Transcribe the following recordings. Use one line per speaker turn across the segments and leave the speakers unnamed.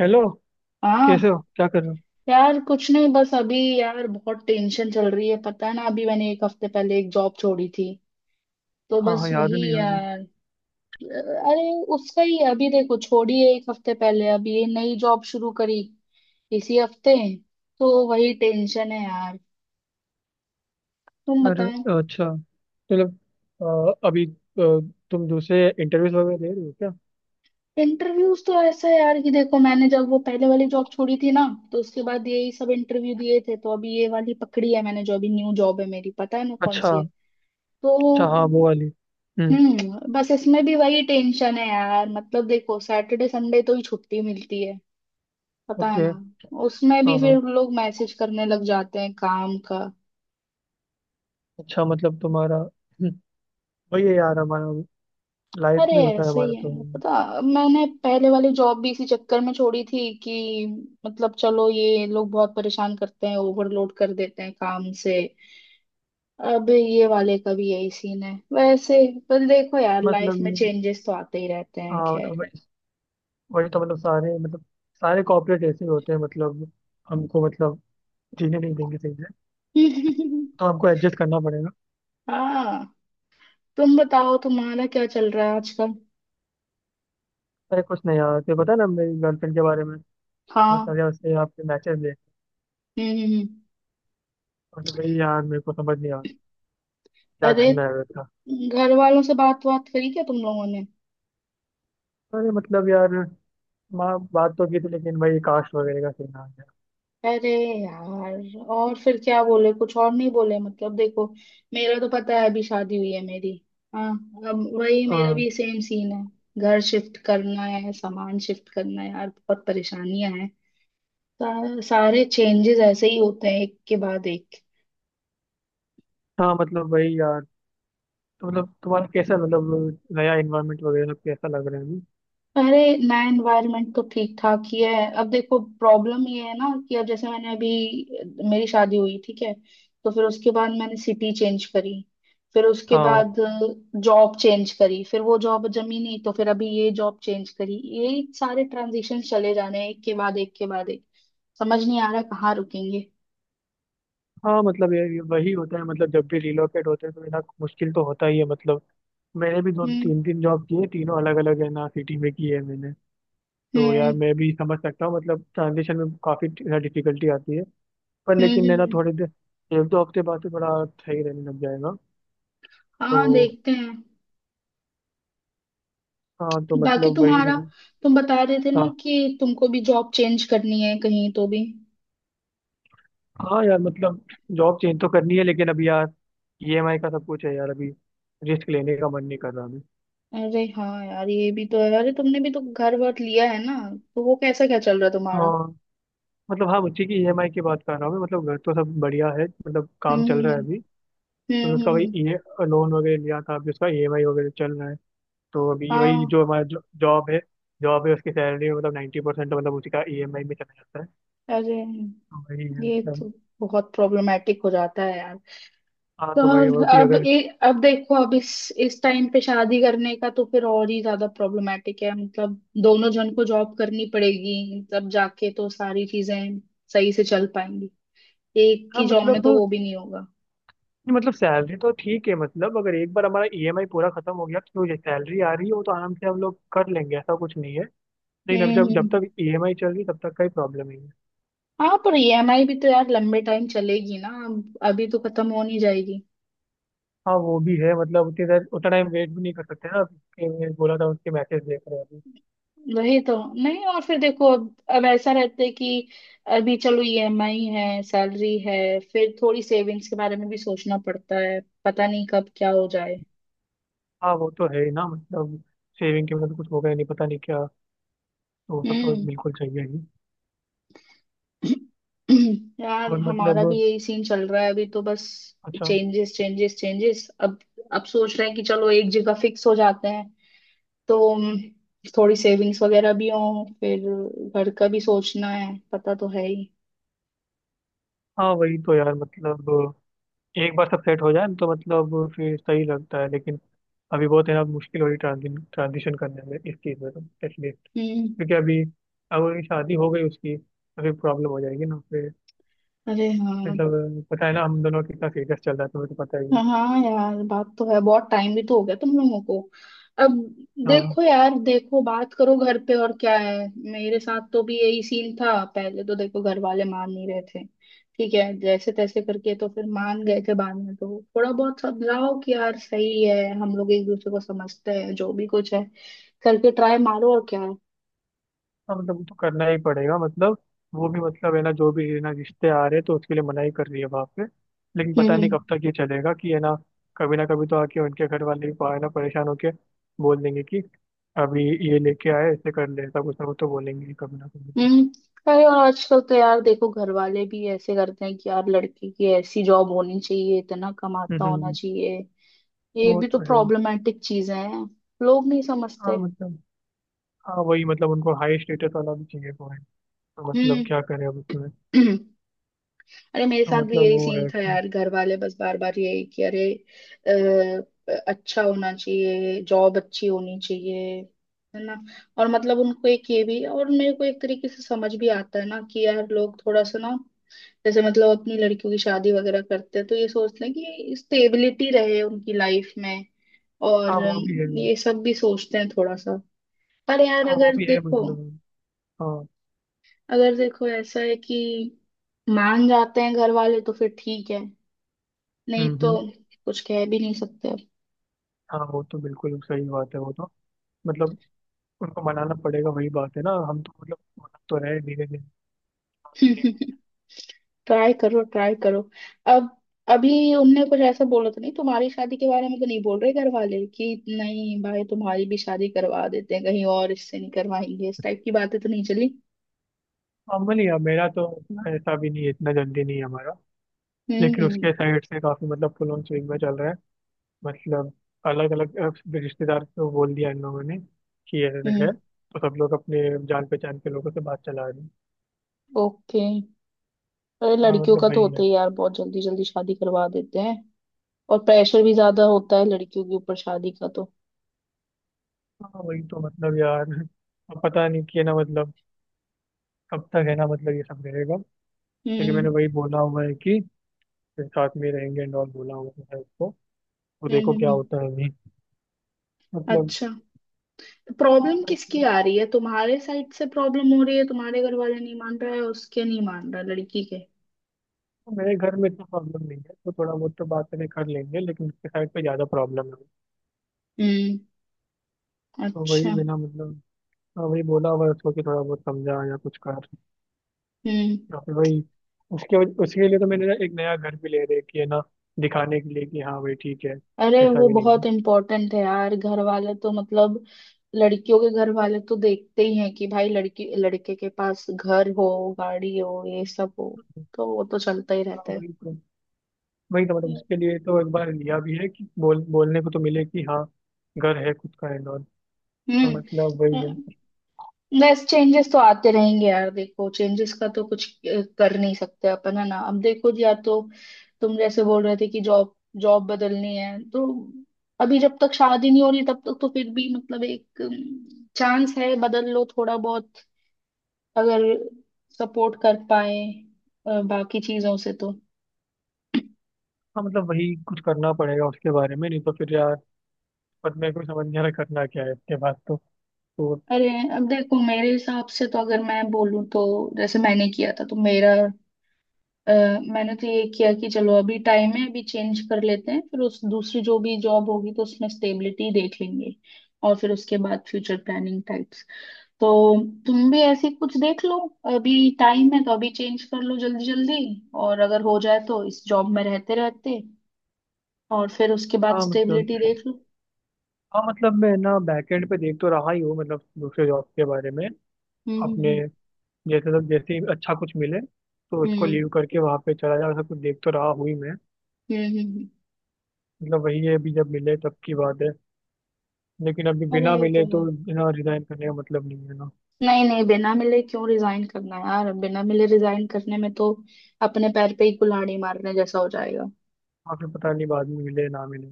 Hello. कैसे हो?
हाँ।
क्या कर रहे हो?
यार कुछ नहीं, बस अभी यार बहुत टेंशन चल रही है, पता है ना, अभी मैंने एक हफ्ते पहले एक जॉब छोड़ी थी, तो
हाँ
बस
हाँ, याद
वही
है। नहीं, याद है।
यार। अरे उसका ही है, अभी देखो छोड़ी है एक हफ्ते पहले, अभी ये नई जॉब शुरू करी इसी हफ्ते। तो वही टेंशन है यार। तुम
अरे,
बताओ।
अच्छा, मतलब अभी तुम दूसरे इंटरव्यूज वगैरह दे रहे हो क्या?
इंटरव्यूज तो ऐसा है यार कि देखो, मैंने जब वो पहले वाली जॉब छोड़ी थी ना, तो उसके बाद यही सब इंटरव्यू दिए थे, तो अभी ये वाली पकड़ी है मैंने, जो अभी न्यू जॉब है मेरी, पता है ना कौन
अच्छा।
सी है। तो
अच्छा, हाँ वो वाली। हम्म।
बस इसमें भी वही टेंशन है यार, मतलब देखो सैटरडे संडे तो ही छुट्टी मिलती है, पता है
ओके।
ना। उसमें भी
हाँ हाँ।
फिर लोग मैसेज करने लग जाते हैं काम का।
अच्छा, मतलब तुम्हारा वही है यार हमारा। लाइफ
अरे
भी होता है
ऐसे
हमारा,
ही
तो
है, पता, मैंने पहले वाली जॉब भी इसी चक्कर में छोड़ी थी कि मतलब चलो ये लोग बहुत परेशान करते हैं, ओवरलोड कर देते हैं काम से। अब ये वाले का भी यही सीन है वैसे। पर देखो यार, लाइफ
मतलब
में
ये,
चेंजेस तो आते ही रहते हैं,
हाँ
खैर।
मतलब वही। वही तो, मतलब सारे, मतलब सारे कॉर्पोरेट ऐसे ही होते हैं, मतलब हमको, मतलब जीने नहीं देंगे सही से। तो हमको एडजस्ट करना पड़ेगा।
हाँ, तुम बताओ तुम्हारा क्या चल रहा है आजकल।
अरे कुछ नहीं यार, तुझे पता है ना मेरी गर्लफ्रेंड के बारे में।
हाँ।
मतलब यार, उससे आपके मैचेस देख।
हम्म हम्म, हम्म।
मतलब भाई यार, मेरे को समझ नहीं आ रहा क्या
अरे
करना है वैसा।
घर वालों से बात बात करी क्या तुम लोगों ने?
अरे मतलब यार, माँ बात तो की थी लेकिन भाई कास्ट वगैरह का सीन आ गया।
अरे यार, और फिर क्या बोले, कुछ और नहीं बोले? मतलब देखो, मेरा तो पता है अभी शादी हुई है मेरी। हाँ। अब वही मेरा
हाँ
भी सेम सीन है। घर शिफ्ट करना है, सामान शिफ्ट करना है यार, बहुत परेशानियां हैं। सारे चेंजेस ऐसे ही होते हैं, एक के बाद एक।
हाँ, मतलब भाई यार। तो मतलब तुम्हारा कैसा, मतलब नया इन्वायरमेंट वगैरह सब कैसा लग रहा है अभी?
अरे नया एनवायरनमेंट तो ठीक ठाक ही है। अब देखो, प्रॉब्लम ये है ना कि अब जैसे मैंने अभी मेरी शादी हुई, ठीक है, तो फिर उसके बाद मैंने सिटी चेंज करी, फिर उसके
हाँ
बाद जॉब चेंज करी, फिर वो जॉब जमी नहीं, तो फिर अभी ये जॉब चेंज करी। ये सारे ट्रांजिशन चले जाने हैं, एक के बाद एक के बाद एक। समझ नहीं आ रहा कहाँ रुकेंगे।
हाँ, मतलब ये वही होता है, मतलब जब भी रिलोकेट होते हैं तो इतना मुश्किल तो होता ही है मतलब। मैंने भी दो
हम्म
तीन तीन जॉब की है, तीनों अलग अलग है ना सिटी में की है मैंने। तो यार
हम्म
मैं भी समझ सकता हूँ, मतलब ट्रांजिशन में काफ़ी डिफिकल्टी आती है। पर
हम्म
लेकिन है
हम्म,
ना,
हम्म।
थोड़ी देर, एक दो हफ्ते बाद से बड़ा सही रहने लग जाएगा
हाँ,
तो।
देखते हैं।
हाँ तो
बाकी
मतलब वही
तुम्हारा,
है।
तुम बता रहे थे ना
हाँ
कि तुमको भी जॉब चेंज करनी है कहीं तो भी।
हाँ यार, मतलब जॉब चेंज तो करनी है लेकिन अभी यार, ईएमआई का सब कुछ है यार अभी। रिस्क लेने का मन नहीं कर रहा अभी।
अरे हाँ यार, ये भी तो है। अरे तुमने भी तो घर वर लिया है ना, तो वो कैसा, क्या चल रहा है तुम्हारा?
हाँ मतलब, हाँ बच्चे की ईएमआई की बात कर रहा हूँ मैं, मतलब घर तो सब बढ़िया है, मतलब काम
हम्म
चल
हम्म
रहा है अभी।
हम्म
तो
हम्म
उसका
हम्म,
वही ई
हम्म।
लोन वगैरह लिया था, अभी उसका ईएमआई वगैरह चल रहा है। तो अभी वही
हाँ।
जो हमारा जॉब है, उसकी सैलरी में मतलब 90% मतलब उसी का ईएमआई में चला जाता है।
अरे
तो वही है
ये
मतलब।
तो बहुत प्रॉब्लमेटिक हो जाता है यार।
हाँ
तो
तो वही और भी
अब
अगर,
ए, अब देखो, अब इस टाइम पे शादी करने का तो फिर और ही ज्यादा प्रॉब्लमेटिक है, मतलब दोनों जन को जॉब करनी पड़ेगी तब जाके तो सारी चीजें सही से चल पाएंगी। एक
हाँ
की जॉब में
मतलब
तो
नहीं,
वो भी नहीं होगा।
मतलब सैलरी तो ठीक है, मतलब अगर एक बार हमारा ईएमआई पूरा खत्म हो गया तो जो सैलरी आ रही हो तो आराम से हम लोग कर लेंगे, ऐसा कुछ नहीं है। लेकिन अब जब
हम्म।
जब तक ईएमआई चल रही है, तब तक का ही प्रॉब्लम नहीं है।
हाँ पर ईएमआई भी तो यार लंबे टाइम चलेगी ना, अभी तो खत्म हो नहीं जाएगी।
हाँ वो भी है, मतलब उतनी देर उतना टाइम वेट भी नहीं कर सकते ना, उसके मैंने बोला था उसके मैसेज देख रहे हैं अभी।
वही तो। नहीं, और फिर देखो, अब ऐसा रहता है कि अभी चलो ईएमआई है, सैलरी है, फिर थोड़ी सेविंग्स के बारे में भी सोचना पड़ता है, पता नहीं कब क्या हो जाए।
हाँ वो तो है ही ना, मतलब सेविंग के मतलब कुछ हो गया, नहीं पता नहीं क्या, तो वो सब तो
हम्म।
बिल्कुल चाहिए ही।
यार
और
हमारा
मतलब,
भी यही सीन चल रहा है अभी, तो बस।
अच्छा।
Changes changes changes. अब सोच रहे हैं कि चलो एक जगह फिक्स हो जाते हैं। तो थोड़ी सेविंग्स वगैरह भी हो, फिर घर का भी सोचना है, पता तो है ही।
हाँ वही तो यार, मतलब एक बार सब सेट हो जाए तो मतलब फिर सही लगता है, लेकिन अभी बहुत है ना, मुश्किल हो रही ट्रांजिशन करने में, इस चीज़ में तो एटलीस्ट।
हम्म।
क्योंकि अभी अगर शादी हो गई उसकी तो फिर प्रॉब्लम हो जाएगी ना फिर।
अरे
मतलब पता है ना हम दोनों कितना सीरियस चल रहा है, तुम्हें तो पता ही है।
हाँ हाँ यार, बात तो है, बहुत टाइम भी तो हो गया तुम लोगों को अब।
हाँ
देखो यार, देखो बात करो घर पे, और क्या है। मेरे साथ तो भी यही सीन था पहले, तो देखो घर वाले मान नहीं रहे थे। ठीक है, जैसे तैसे करके तो फिर मान गए थे बाद में, तो थोड़ा बहुत समझाओ कि यार सही है, हम लोग एक दूसरे को समझते हैं, जो भी कुछ है करके ट्राई मारो, और क्या है।
हाँ, मतलब वो तो करना ही पड़ेगा, मतलब वो भी, मतलब है ना, जो भी है ना, रिश्ते आ रहे हैं तो उसके लिए मनाही कर रही है वहाँ पे। लेकिन पता नहीं
हम्म
कब तक ये चलेगा कि, है ना, कभी ना कभी तो आके उनके घर वाले भी है ना परेशान होके बोल देंगे कि अभी ये लेके आए, ऐसे कर ले, ऐसा कुछ ना कुछ तो बोलेंगे ही कभी ना कभी तो।
हम्म। अरे और आजकल तो यार देखो, घर वाले भी ऐसे करते हैं कि यार लड़के की ऐसी जॉब होनी चाहिए, इतना कमाता होना
हम्म,
चाहिए। ये
वो
भी तो
तो है।
प्रॉब्लमेटिक चीजें हैं। लोग नहीं
हाँ
समझते।
मतलब, हाँ वही मतलब उनको हाई स्टेटस वाला भी चाहिए वो है, तो मतलब
हम्म।
क्या करें अब उसमें।
अरे मेरे
तो
साथ भी
मतलब
यही
वो है
सीन था यार, घर वाले बस बार बार यही कि अरे अच्छा होना चाहिए, जॉब अच्छी होनी चाहिए, है ना। और मतलब उनको एक ये भी, और मेरे को एक तरीके से समझ भी आता है ना कि यार, लोग थोड़ा सा ना, जैसे मतलब अपनी लड़कियों की शादी वगैरह करते हैं तो ये सोचते हैं कि स्टेबिलिटी रहे उनकी लाइफ में।
हाँ
और
वो भी है।
ये सब भी सोचते हैं थोड़ा सा। पर यार
हाँ वो
अगर
भी है
देखो
मतलब, हाँ।
अगर देखो ऐसा है कि मान जाते हैं घर वाले तो फिर ठीक है, नहीं तो
हम्म।
कुछ कह भी नहीं सकते अब।
हाँ वो तो बिल्कुल सही बात है वो तो, मतलब उनको मनाना पड़ेगा वही बात है ना, हम तो मतलब मना तो रहे धीरे धीरे।
ट्राई करो ट्राई करो। अब अभी उनने कुछ ऐसा बोला तो नहीं, तुम्हारी शादी के बारे में तो नहीं बोल रहे घर वाले कि नहीं भाई तुम्हारी भी शादी करवा देते हैं कहीं और, इससे नहीं करवाएंगे, इस टाइप की बातें तो नहीं चली?
नॉर्मली है मेरा तो, ऐसा भी नहीं है, इतना जल्दी नहीं है हमारा।
हम्म
लेकिन
हम्म
उसके साइड से काफी मतलब फुल ऑन स्विंग में चल रहा है, मतलब अलग अलग रिश्तेदार को बोल दिया इन लोगों ने कि ऐसे ऐसे
हम्म।
है, तो सब लोग अपने जान पहचान के लोगों से बात चला रहे हैं।
ओके। अरे
हाँ
लड़कियों का
मतलब
तो
वही है।
होता ही यार, बहुत जल्दी जल्दी शादी करवा देते हैं। और प्रेशर भी ज्यादा होता है लड़कियों के ऊपर शादी का तो।
हाँ वही तो मतलब यार, अब पता नहीं कि है ना, मतलब कब तक है ना, मतलब ये सब रहेगा। लेकिन
हम्म
मैंने वही बोला हुआ है कि साथ में रहेंगे एंड ऑल, बोला हुआ है उसको। तो
हम्म
देखो
हम्म
क्या
हम्म।
होता है अभी, मतलब।
अच्छा, तो प्रॉब्लम
मतलब
किसकी
कि
आ रही है, तुम्हारे साइड से प्रॉब्लम हो रही है, तुम्हारे घर वाले नहीं मान रहा है, उसके नहीं मान रहा लड़की के?
मेरे घर में इतना प्रॉब्लम नहीं है, तो थोड़ा बहुत तो बातें कर लेंगे, लेकिन उसके साइड पे ज़्यादा प्रॉब्लम है।
हम्म।
तो वही
अच्छा।
बिना मतलब, हाँ, वही बोला हुआ है उसको कि थोड़ा बहुत समझा या कुछ कर,
हम्म।
या फिर वही उसके लिए तो मैंने ना एक नया घर भी ले रखी है ना, दिखाने के लिए कि हाँ भाई ठीक है,
अरे
ऐसा
वो
भी नहीं
बहुत
है।
इम्पोर्टेंट है यार, घर वाले तो मतलब लड़कियों के घर वाले तो देखते ही हैं कि भाई, लड़की लड़के के पास घर हो, गाड़ी हो, ये सब हो, तो वो तो चलता ही
हाँ
रहता है।
वही तो, वही तो मतलब उसके
हम्म
लिए तो एक बार लिया भी है कि बोलने को तो मिले कि हाँ घर है खुद का एंड ऑल। तो मतलब वही है।
हम्म। बस चेंजेस तो आते रहेंगे यार, देखो चेंजेस का तो कुछ कर नहीं सकते अपन, है ना। अब देखो जी, या तो तुम जैसे बोल रहे थे कि जॉब जॉब बदलनी है तो। अभी जब तक शादी नहीं हो रही तब तक तो फिर भी मतलब एक चांस है, बदल लो थोड़ा बहुत, अगर सपोर्ट कर पाए बाकी चीजों से तो।
हाँ मतलब वही कुछ करना पड़ेगा उसके बारे में, नहीं तो फिर यार पर मेरे को समझ नहीं आ रहा करना क्या है इसके बाद तो। तो
अरे, अब देखो मेरे हिसाब से तो अगर मैं बोलूं तो जैसे मैंने किया था, तो अ, मैंने तो ये किया कि चलो अभी टाइम है, अभी चेंज कर लेते हैं, फिर उस दूसरी जो भी जॉब होगी तो उसमें स्टेबिलिटी देख लेंगे। और फिर उसके बाद फ्यूचर प्लानिंग टाइप्स। तो तुम भी ऐसी कुछ देख लो। अभी टाइम है तो अभी चेंज कर लो जल्दी जल्दी, और अगर हो जाए तो इस जॉब में रहते रहते, और फिर उसके बाद
हाँ मतलब,
स्टेबिलिटी देख लो।
हाँ मतलब मैं ना बैकएंड पे देख तो रहा ही हूँ, मतलब दूसरे जॉब के बारे में
हम्म हम्म,
अपने।
हम्म।
जैसे तो जैसे ही अच्छा कुछ मिले तो इसको
हम्म
लीव करके वहाँ पे चला जाऊँ, ऐसा कुछ देख तो रहा हुई मैं।
हम्म हम्म हम्म।
मतलब वही है, अभी जब मिले तब की बात है, लेकिन अभी
अरे
बिना
ये तो
मिले तो
है।
ना रिजाइन करने का मतलब नहीं है ना।
नहीं नहीं, बिना मिले क्यों रिजाइन करना यार, बिना मिले रिजाइन करने में तो अपने पैर पे ही कुल्हाड़ी मारने जैसा हो जाएगा।
वहाँ पे पता नहीं बाद में मिले ना मिले,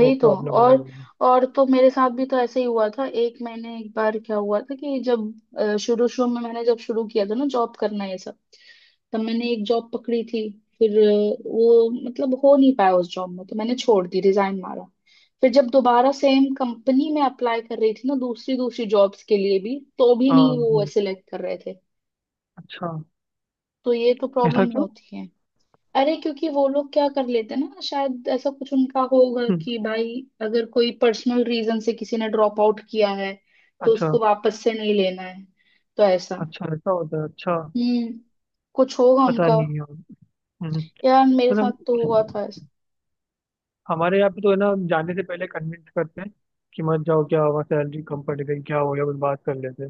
वो
तो।
प्रॉब्लम अलग
और
होगी।
और तो मेरे साथ भी तो ऐसे ही हुआ था, एक मैंने एक बार क्या हुआ था कि जब शुरू शुरू में मैंने जब शुरू किया था ना जॉब करना ये सब। तब मैंने एक जॉब पकड़ी थी। फिर वो मतलब हो नहीं पाया उस जॉब में, तो मैंने छोड़ दी, रिजाइन मारा। फिर जब दोबारा सेम कंपनी में अप्लाई कर रही थी ना दूसरी दूसरी जॉब्स के लिए, भी तो भी
हाँ
नहीं वो
हाँ,
सिलेक्ट कर रहे थे।
अच्छा
तो ये तो प्रॉब्लम
ऐसा क्यों?
होती है। अरे क्योंकि वो लोग क्या कर लेते हैं ना, शायद ऐसा कुछ उनका होगा
हम्म,
कि भाई, अगर कोई पर्सनल रीजन से किसी ने ड्रॉप आउट किया है तो
अच्छा।
उसको वापस से नहीं लेना है। तो ऐसा
अच्छा ऐसा होता है, अच्छा।
हम्म कुछ होगा
पता
उनका।
नहीं यार। हम्म,
यार मेरे साथ
मतलब
तो हुआ था ऐसा।
हमारे यहाँ पे तो है ना जाने से पहले कन्विंस करते हैं कि मत जाओ, क्या हुआ, सैलरी कम पड़ गई, क्या हो गया, कुछ बात कर लेते हैं,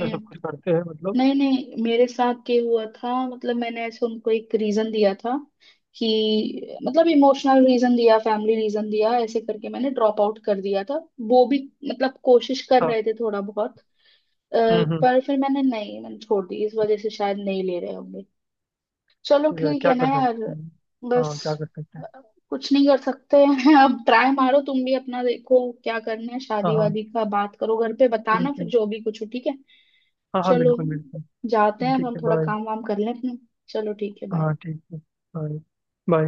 ये सब कुछ करते हैं मतलब।
नहीं नहीं, मेरे साथ ये हुआ था मतलब, मैंने ऐसे उनको एक रीजन दिया था कि मतलब इमोशनल रीजन दिया, फैमिली रीजन दिया, ऐसे करके मैंने ड्रॉप आउट कर दिया था। वो भी मतलब कोशिश कर
हाँ।
रहे थे थोड़ा बहुत अ,
हम्म।
पर फिर मैंने नहीं, मैंने छोड़ दी, इस वजह से शायद नहीं ले रहे होंगे। चलो
ठीक है,
ठीक
क्या
है ना
कर
यार।
सकते हैं।
बस
हाँ क्या कर सकते हैं।
अ, कुछ नहीं कर सकते हैं। अब ट्राई मारो तुम भी अपना, देखो क्या करना है,
हाँ
शादी
हाँ
वादी का बात करो घर पे, बताना
ठीक
फिर
है।
जो भी कुछ हो, ठीक है।
हाँ हाँ,
चलो,
बिल्कुल बिल्कुल।
जाते हैं अब,
ठीक
हम
है,
थोड़ा
बाय।
काम वाम कर लें अपना। चलो ठीक है, बाय।
हाँ ठीक है। बाय। बाय।